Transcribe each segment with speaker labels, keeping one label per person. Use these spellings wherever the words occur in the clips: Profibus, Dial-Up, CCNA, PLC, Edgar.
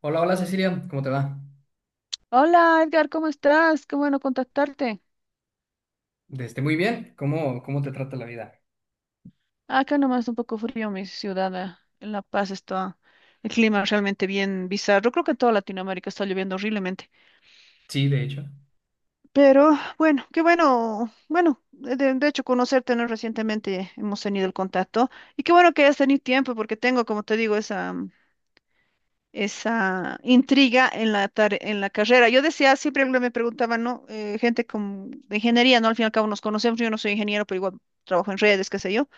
Speaker 1: Hola, hola Cecilia, ¿cómo te va?
Speaker 2: Hola Edgar, ¿cómo estás? Qué bueno contactarte.
Speaker 1: Desde muy bien, ¿cómo te trata la vida?
Speaker 2: Acá nomás un poco frío mi ciudad. En La Paz está el clima realmente bien bizarro. Creo que en toda Latinoamérica está lloviendo horriblemente.
Speaker 1: Sí, de hecho.
Speaker 2: Pero bueno, qué bueno. Bueno, de hecho conocerte, ¿no? Recientemente hemos tenido el contacto. Y qué bueno que hayas tenido tiempo porque tengo, como te digo, esa intriga en en la carrera. Yo decía, siempre me preguntaban, ¿no? Gente de ingeniería, ¿no? Al fin y al cabo nos conocemos. Yo no soy ingeniero, pero igual trabajo en redes, qué sé yo.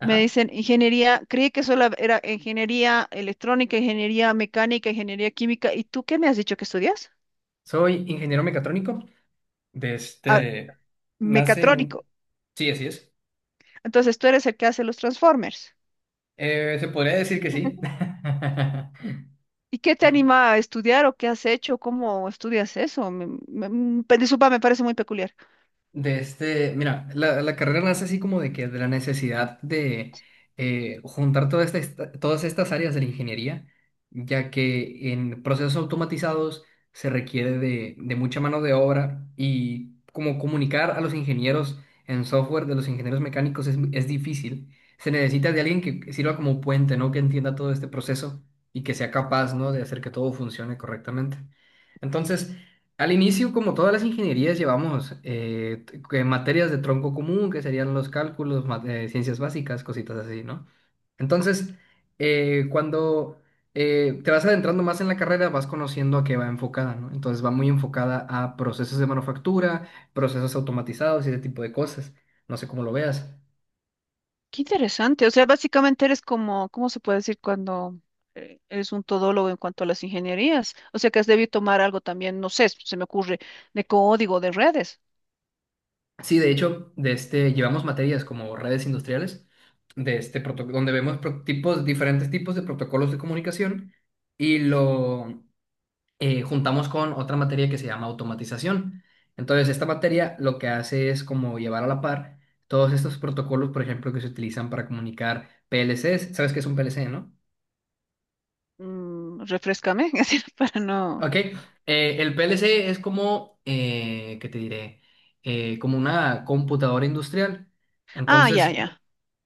Speaker 2: Me
Speaker 1: Ajá.
Speaker 2: dicen ingeniería, creí que solo era ingeniería electrónica, ingeniería mecánica, ingeniería química. ¿Y tú qué me has dicho que estudias?
Speaker 1: Soy ingeniero mecatrónico.
Speaker 2: Ah,
Speaker 1: Desde nace un...
Speaker 2: mecatrónico.
Speaker 1: Sí, así es.
Speaker 2: Entonces tú eres el que hace los Transformers.
Speaker 1: Se podría decir que sí.
Speaker 2: ¿Y qué te anima a estudiar o qué has hecho? ¿Cómo estudias eso? Disculpa, me parece muy peculiar.
Speaker 1: De este, mira, la carrera nace así como de que de la necesidad de juntar todas estas áreas de la ingeniería, ya que en procesos automatizados se requiere de mucha mano de obra y como comunicar a los ingenieros en software de los ingenieros mecánicos es difícil. Se necesita de alguien que sirva como puente, ¿no? Que entienda todo este proceso y que sea capaz, ¿no? De hacer que todo funcione correctamente. Entonces... Al inicio, como todas las ingenierías, llevamos que materias de tronco común, que serían los cálculos, ciencias básicas, cositas así, ¿no? Entonces, cuando te vas adentrando más en la carrera, vas conociendo a qué va enfocada, ¿no? Entonces va muy enfocada a procesos de manufactura, procesos automatizados y ese tipo de cosas. No sé cómo lo veas.
Speaker 2: Qué interesante. O sea, básicamente eres como, ¿cómo se puede decir cuando eres un todólogo en cuanto a las ingenierías? O sea, que has debido tomar algo también, no sé, se me ocurre, de código, de redes.
Speaker 1: Sí, de hecho, de este, llevamos materias como redes industriales, de este donde vemos tipos, diferentes tipos de protocolos de comunicación y lo juntamos con otra materia que se llama automatización. Entonces, esta materia lo que hace es como llevar a la par todos estos protocolos, por ejemplo, que se utilizan para comunicar PLCs. ¿Sabes qué es un PLC, no?
Speaker 2: Refrescame, así para no.
Speaker 1: Ok, el PLC es como, ¿qué te diré? Como una computadora industrial.
Speaker 2: Ah, ya,
Speaker 1: Entonces,
Speaker 2: ya.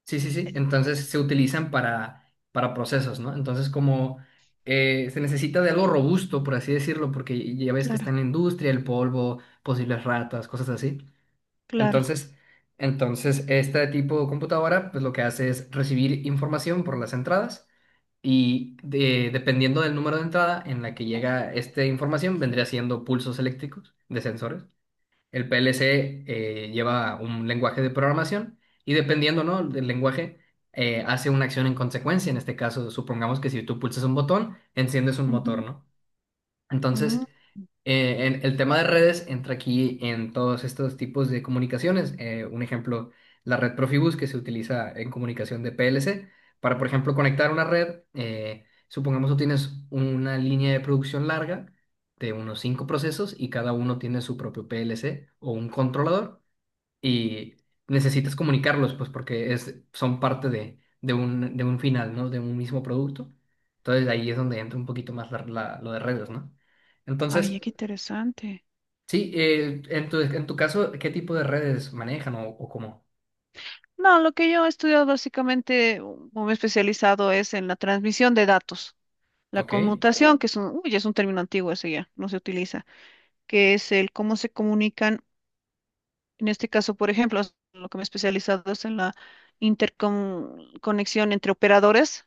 Speaker 1: sí, sí, sí. Entonces se utilizan para procesos, ¿no? Entonces como se necesita de algo robusto, por así decirlo, porque ya ves que está
Speaker 2: Claro,
Speaker 1: en la industria, el polvo, posibles ratas, cosas así.
Speaker 2: claro.
Speaker 1: Entonces, entonces, este tipo de computadora, pues lo que hace es recibir información por las entradas y dependiendo del número de entrada en la que llega esta información, vendría siendo pulsos eléctricos de sensores. El PLC lleva un lenguaje de programación y dependiendo, ¿no? Del lenguaje, hace una acción en consecuencia. En este caso, supongamos que si tú pulsas un botón, enciendes un motor,
Speaker 2: Ujú.
Speaker 1: ¿no?
Speaker 2: Mm.
Speaker 1: Entonces, en el tema de redes entra aquí en todos estos tipos de comunicaciones. Un ejemplo, la red Profibus que se utiliza en comunicación de PLC para, por ejemplo, conectar una red. Supongamos tú tienes una línea de producción larga de unos cinco procesos y cada uno tiene su propio PLC o un controlador y necesitas comunicarlos, pues porque es, son parte de un final, ¿no? De un mismo producto. Entonces ahí es donde entra un poquito más lo de redes, ¿no? Entonces...
Speaker 2: Ay, qué interesante.
Speaker 1: Sí, en tu caso, ¿qué tipo de redes manejan o cómo?
Speaker 2: No, lo que yo he estudiado básicamente o me he especializado es en la transmisión de datos. La
Speaker 1: Ok,
Speaker 2: conmutación, que es un término antiguo ese ya, no se utiliza, que es el cómo se comunican, en este caso, por ejemplo, lo que me he especializado es en la interconexión entre operadores,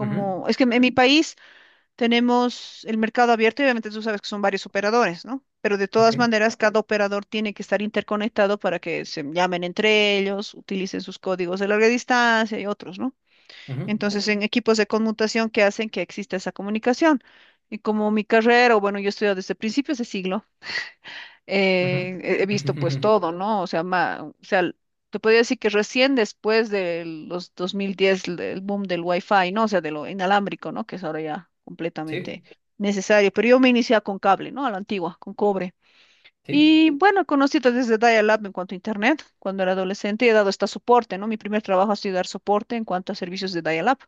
Speaker 1: ujú,
Speaker 2: es que en mi país. Tenemos el mercado abierto y obviamente tú sabes que son varios operadores, ¿no? Pero de
Speaker 1: ok,
Speaker 2: todas maneras, cada operador tiene que estar interconectado para que se llamen entre ellos, utilicen sus códigos de larga distancia y otros, ¿no?
Speaker 1: ujú,
Speaker 2: Entonces, en equipos de conmutación que hacen que exista esa comunicación. Y como mi carrera, o bueno, yo he estudiado desde principios de siglo,
Speaker 1: ujú.
Speaker 2: he visto pues todo, ¿no? O sea, o sea, te podría decir que recién después de los 2010, el boom del Wi-Fi, ¿no? O sea, de lo inalámbrico, ¿no? Que es ahora ya completamente
Speaker 1: Sí,
Speaker 2: necesario. Pero yo me inicié con cable, ¿no? A la antigua, con cobre.
Speaker 1: sí,
Speaker 2: Y bueno, conocí desde Dial-Up en cuanto a Internet, cuando era adolescente, y he dado hasta soporte, ¿no? Mi primer trabajo ha sido dar soporte en cuanto a servicios de Dial-Up.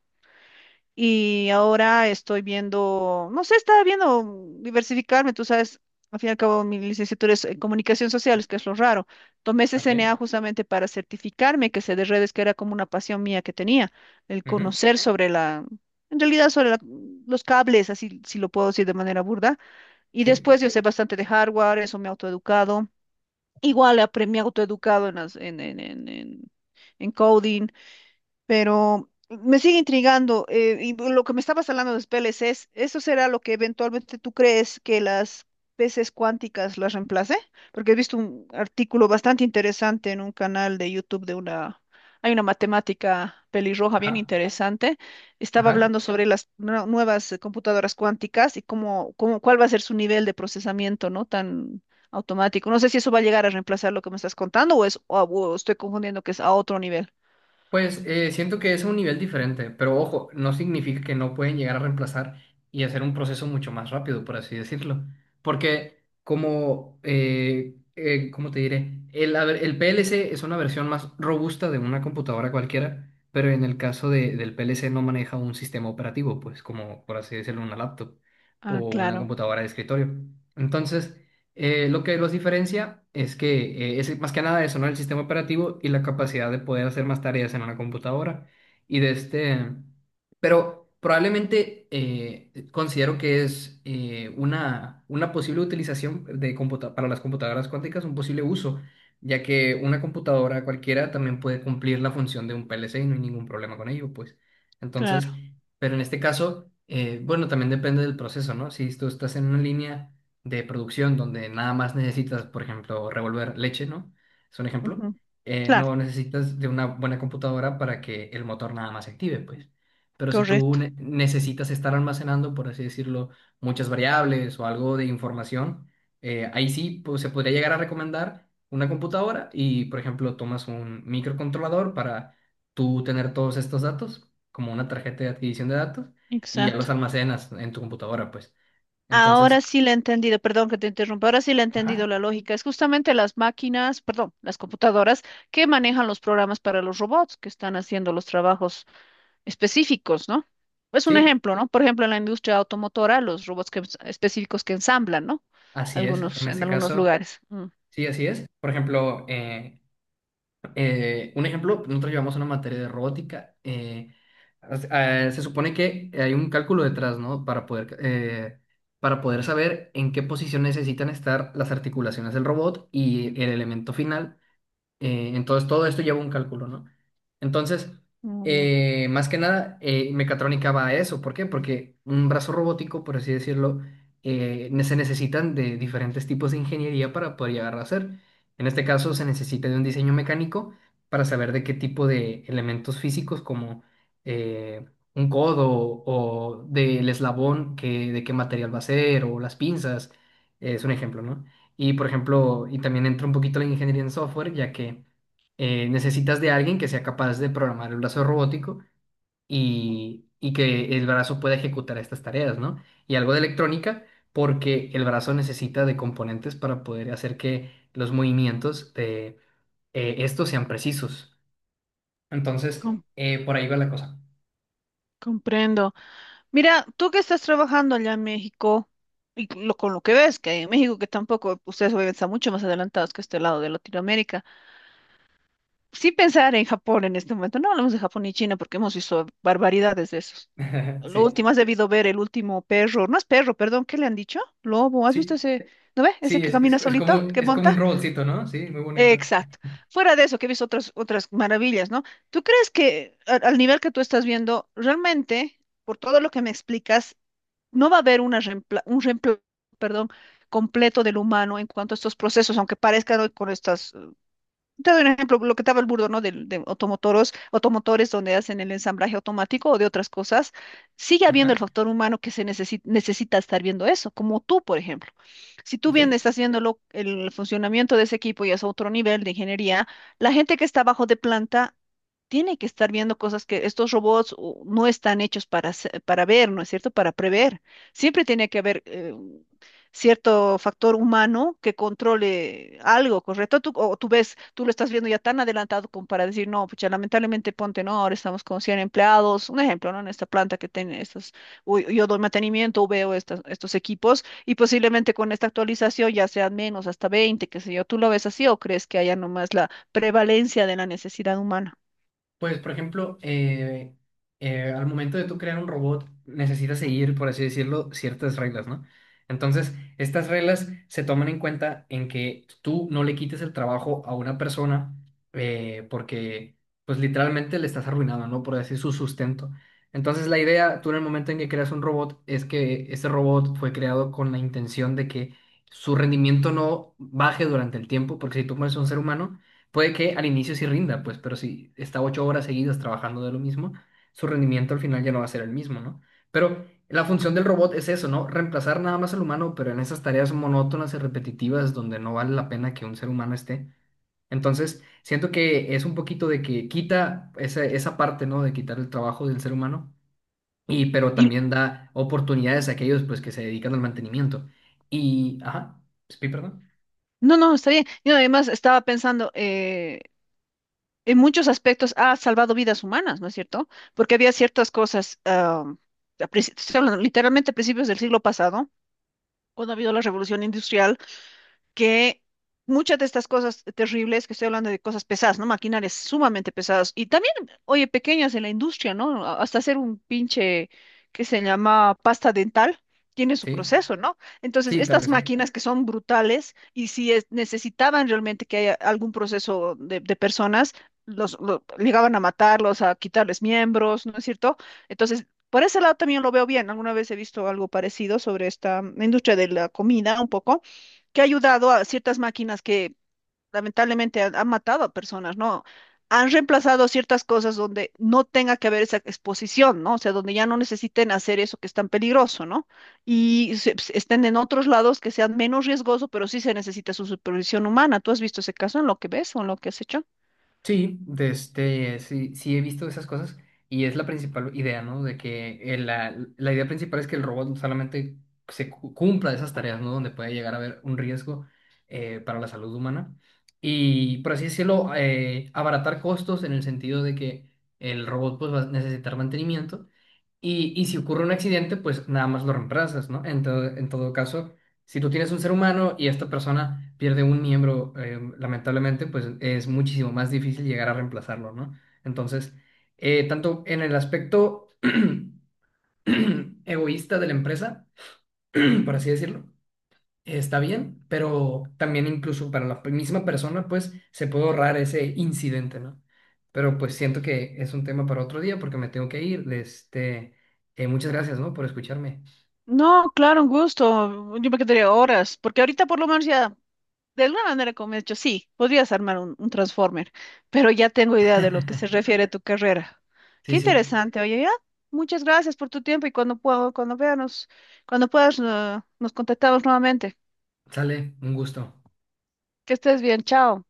Speaker 2: Y ahora estoy viendo, no sé, estaba viendo diversificarme, tú sabes, al fin y al cabo mi licenciatura es en comunicación sociales, que es lo raro. Tomé
Speaker 1: ok,
Speaker 2: CCNA justamente para certificarme que sé de redes, que era como una pasión mía que tenía, el
Speaker 1: ujú,
Speaker 2: conocer en realidad los cables, así si lo puedo decir de manera burda. Y
Speaker 1: sí,
Speaker 2: después yo sé bastante de hardware, eso me he autoeducado. Me he autoeducado en, las- en coding. Pero me sigue intrigando, y lo que me estabas hablando de los PLCs, ¿eso será lo que eventualmente tú crees que las peces cuánticas las reemplace? Porque he visto un artículo bastante interesante en un canal de YouTube hay una matemática pelirroja bien
Speaker 1: ajá,
Speaker 2: interesante. Estaba
Speaker 1: ajá.
Speaker 2: hablando sobre las nuevas computadoras cuánticas y cuál va a ser su nivel de procesamiento, ¿no? Tan automático. No sé si eso va a llegar a reemplazar lo que me estás contando o estoy confundiendo que es a otro nivel.
Speaker 1: Pues siento que es un nivel diferente, pero ojo, no significa que no pueden llegar a reemplazar y hacer un proceso mucho más rápido, por así decirlo. Porque como, ¿cómo te diré? A ver, el PLC es una versión más robusta de una computadora cualquiera, pero en el caso del PLC no maneja un sistema operativo, pues como por así decirlo, una laptop
Speaker 2: Ah,
Speaker 1: o una
Speaker 2: claro.
Speaker 1: computadora de escritorio. Entonces, lo que los diferencia es que es más que nada eso, ¿no? El sistema operativo y la capacidad de poder hacer más tareas en una computadora. Y de este, pero probablemente considero que es una posible utilización de para las computadoras cuánticas, un posible uso, ya que una computadora cualquiera también puede cumplir la función de un PLC y no hay ningún problema con ello, pues.
Speaker 2: Claro,
Speaker 1: Entonces, pero en este caso, bueno, también depende del proceso, ¿no? Si tú estás en una línea de producción donde nada más necesitas, por ejemplo, revolver leche, ¿no? Es un ejemplo.
Speaker 2: ujú. Claro,
Speaker 1: No necesitas de una buena computadora para que el motor nada más se active, pues. Pero si tú
Speaker 2: correcto,
Speaker 1: necesitas estar almacenando, por así decirlo, muchas variables o algo de información, ahí sí pues, se podría llegar a recomendar una computadora y, por ejemplo, tomas un microcontrolador para tú tener todos estos datos, como una tarjeta de adquisición de datos, y ya
Speaker 2: exacto.
Speaker 1: los almacenas en tu computadora, pues.
Speaker 2: Ahora
Speaker 1: Entonces,
Speaker 2: sí le he entendido, perdón que te interrumpa, ahora sí le he
Speaker 1: ajá.
Speaker 2: entendido la lógica. Es justamente las máquinas, perdón, las computadoras que manejan los programas para los robots que están haciendo los trabajos específicos, ¿no? Es un
Speaker 1: Sí,
Speaker 2: ejemplo, ¿no? Por ejemplo, en la industria automotora, los robots específicos que ensamblan, ¿no?
Speaker 1: así es,
Speaker 2: Algunos,
Speaker 1: en
Speaker 2: en
Speaker 1: este
Speaker 2: algunos
Speaker 1: caso,
Speaker 2: lugares. Mm.
Speaker 1: sí, así es. Por ejemplo, un ejemplo, nosotros llevamos una materia de robótica. Se supone que hay un cálculo detrás, ¿no? Para poder saber en qué posición necesitan estar las articulaciones del robot y el elemento final. Entonces, todo esto lleva un cálculo, ¿no? Entonces,
Speaker 2: Muy bien,
Speaker 1: más que nada, mecatrónica va a eso. ¿Por qué? Porque un brazo robótico, por así decirlo, se necesitan de diferentes tipos de ingeniería para poder llegar a hacer. En este caso, se necesita de un diseño mecánico para saber de qué tipo de elementos físicos, como eh, un codo o del eslabón, que, de qué material va a ser, o las pinzas, es un ejemplo, ¿no? Y, por ejemplo, y también entra un poquito la ingeniería en software, ya que necesitas de alguien que sea capaz de programar el brazo robótico y que el brazo pueda ejecutar estas tareas, ¿no? Y algo de electrónica, porque el brazo necesita de componentes para poder hacer que los movimientos de estos sean precisos. Entonces,
Speaker 2: com-
Speaker 1: por ahí va la cosa.
Speaker 2: comprendo. Mira, tú que estás trabajando allá en México, y con lo que ves, que en México, que tampoco ustedes obviamente están mucho más adelantados que este lado de Latinoamérica, sí pensar en Japón en este momento, no hablamos de Japón y China porque hemos visto barbaridades de esos. Lo
Speaker 1: Sí,
Speaker 2: último, has debido ver el último perro, no es perro, perdón, ¿qué le han dicho? Lobo, ¿has visto
Speaker 1: sí,
Speaker 2: ese, no ve? Ese
Speaker 1: sí,
Speaker 2: que
Speaker 1: es,
Speaker 2: camina
Speaker 1: es, es como,
Speaker 2: solito, que
Speaker 1: es como un
Speaker 2: monta.
Speaker 1: robotcito, ¿no? Sí, muy bonito.
Speaker 2: Exacto. Fuera de eso, que he visto otras maravillas, ¿no? ¿Tú crees que al nivel que tú estás viendo, realmente, por todo lo que me explicas, no va a haber un reemplazo, perdón, completo del humano en cuanto a estos procesos, aunque parezcan hoy con estas, te doy un ejemplo, lo que estaba el burdo, ¿no? De, automotores donde hacen el ensamblaje automático o de otras cosas, sigue habiendo el
Speaker 1: Ajá,
Speaker 2: factor humano que necesita estar viendo eso, como tú, por ejemplo. Si tú bien
Speaker 1: sí.
Speaker 2: estás viendo el funcionamiento de ese equipo y es otro nivel de ingeniería, la gente que está abajo de planta tiene que estar viendo cosas que estos robots no están hechos para ver, ¿no es cierto? Para prever. Siempre tiene que haber cierto factor humano que controle algo, ¿correcto? Tú, o tú ves, tú lo estás viendo ya tan adelantado como para decir, no, pucha, lamentablemente ponte, no, ahora estamos con 100 empleados, un ejemplo, ¿no? En esta planta que tiene estos, o yo doy mantenimiento, veo estos equipos y posiblemente con esta actualización ya sean menos, hasta 20, qué sé yo, ¿tú lo ves así o crees que haya nomás la prevalencia de la necesidad humana?
Speaker 1: Pues, por ejemplo, al momento de tú crear un robot, necesitas seguir, por así decirlo, ciertas reglas, ¿no? Entonces, estas reglas se toman en cuenta en que tú no le quites el trabajo a una persona porque, pues, literalmente le estás arruinando, ¿no? Por decir su sustento. Entonces, la idea, tú en el momento en que creas un robot, es que ese robot fue creado con la intención de que su rendimiento no baje durante el tiempo, porque si tú pones a un ser humano puede que al inicio sí rinda, pues, pero si está 8 horas seguidas trabajando de lo mismo, su rendimiento al final ya no va a ser el mismo, ¿no? Pero la función del robot es eso, ¿no? Reemplazar nada más al humano, pero en esas tareas monótonas y repetitivas donde no vale la pena que un ser humano esté. Entonces, siento que es un poquito de que quita esa parte, ¿no? De quitar el trabajo del ser humano, y, pero
Speaker 2: Y
Speaker 1: también da oportunidades a aquellos, pues, que se dedican al mantenimiento. Y, ajá, sí, perdón.
Speaker 2: No, no, está bien. Yo además estaba pensando, en muchos aspectos ha salvado vidas humanas, ¿no es cierto? Porque había ciertas cosas, estoy hablando literalmente a principios del siglo pasado, cuando ha habido la revolución industrial que muchas de estas cosas terribles, que estoy hablando de cosas pesadas, ¿no? Maquinarias sumamente pesadas y también, oye, pequeñas en la industria, ¿no? Hasta hacer un pinche que se llama pasta dental. Tiene su
Speaker 1: Sí,
Speaker 2: proceso, ¿no? Entonces,
Speaker 1: sí, claro
Speaker 2: estas
Speaker 1: que sí.
Speaker 2: máquinas que son brutales y si necesitaban realmente que haya algún proceso de personas, llegaban a matarlos, a quitarles miembros, ¿no es cierto? Entonces, por ese lado también lo veo bien. Alguna vez he visto algo parecido sobre esta industria de la comida un poco que ha ayudado a ciertas máquinas que lamentablemente han matado a personas, ¿no? Han reemplazado ciertas cosas donde no tenga que haber esa exposición, ¿no? O sea, donde ya no necesiten hacer eso que es tan peligroso, ¿no? Y estén en otros lados que sean menos riesgoso, pero sí se necesita su supervisión humana. ¿Tú has visto ese caso en lo que ves o en lo que has hecho?
Speaker 1: Sí, de este, sí, sí he visto esas cosas y es la principal idea, ¿no? De que la idea principal es que el robot solamente cumpla de esas tareas, ¿no? Donde puede llegar a haber un riesgo para la salud humana. Y por así decirlo, abaratar costos en el sentido de que el robot pues, va a necesitar mantenimiento y si ocurre un accidente, pues nada más lo reemplazas, ¿no? En todo caso, si tú tienes un ser humano y esta persona pierde un miembro, lamentablemente, pues es muchísimo más difícil llegar a reemplazarlo, ¿no? Entonces, tanto en el aspecto egoísta de la empresa, por así decirlo, está bien, pero también incluso para la misma persona, pues se puede ahorrar ese incidente, ¿no? Pero pues siento que es un tema para otro día porque me tengo que ir. Este, muchas gracias, ¿no? Por escucharme.
Speaker 2: No, claro, un gusto. Yo me quedaría horas, porque ahorita por lo menos ya. De alguna manera como he hecho, sí, podrías armar un Transformer, pero ya tengo idea de lo que se refiere a tu carrera.
Speaker 1: Sí,
Speaker 2: Qué
Speaker 1: sí,
Speaker 2: interesante, oye, ya. Muchas gracias por tu tiempo y cuando puedo, cuando veamos, cuando puedas, nos contactamos nuevamente.
Speaker 1: sale, un gusto.
Speaker 2: Que estés bien, chao.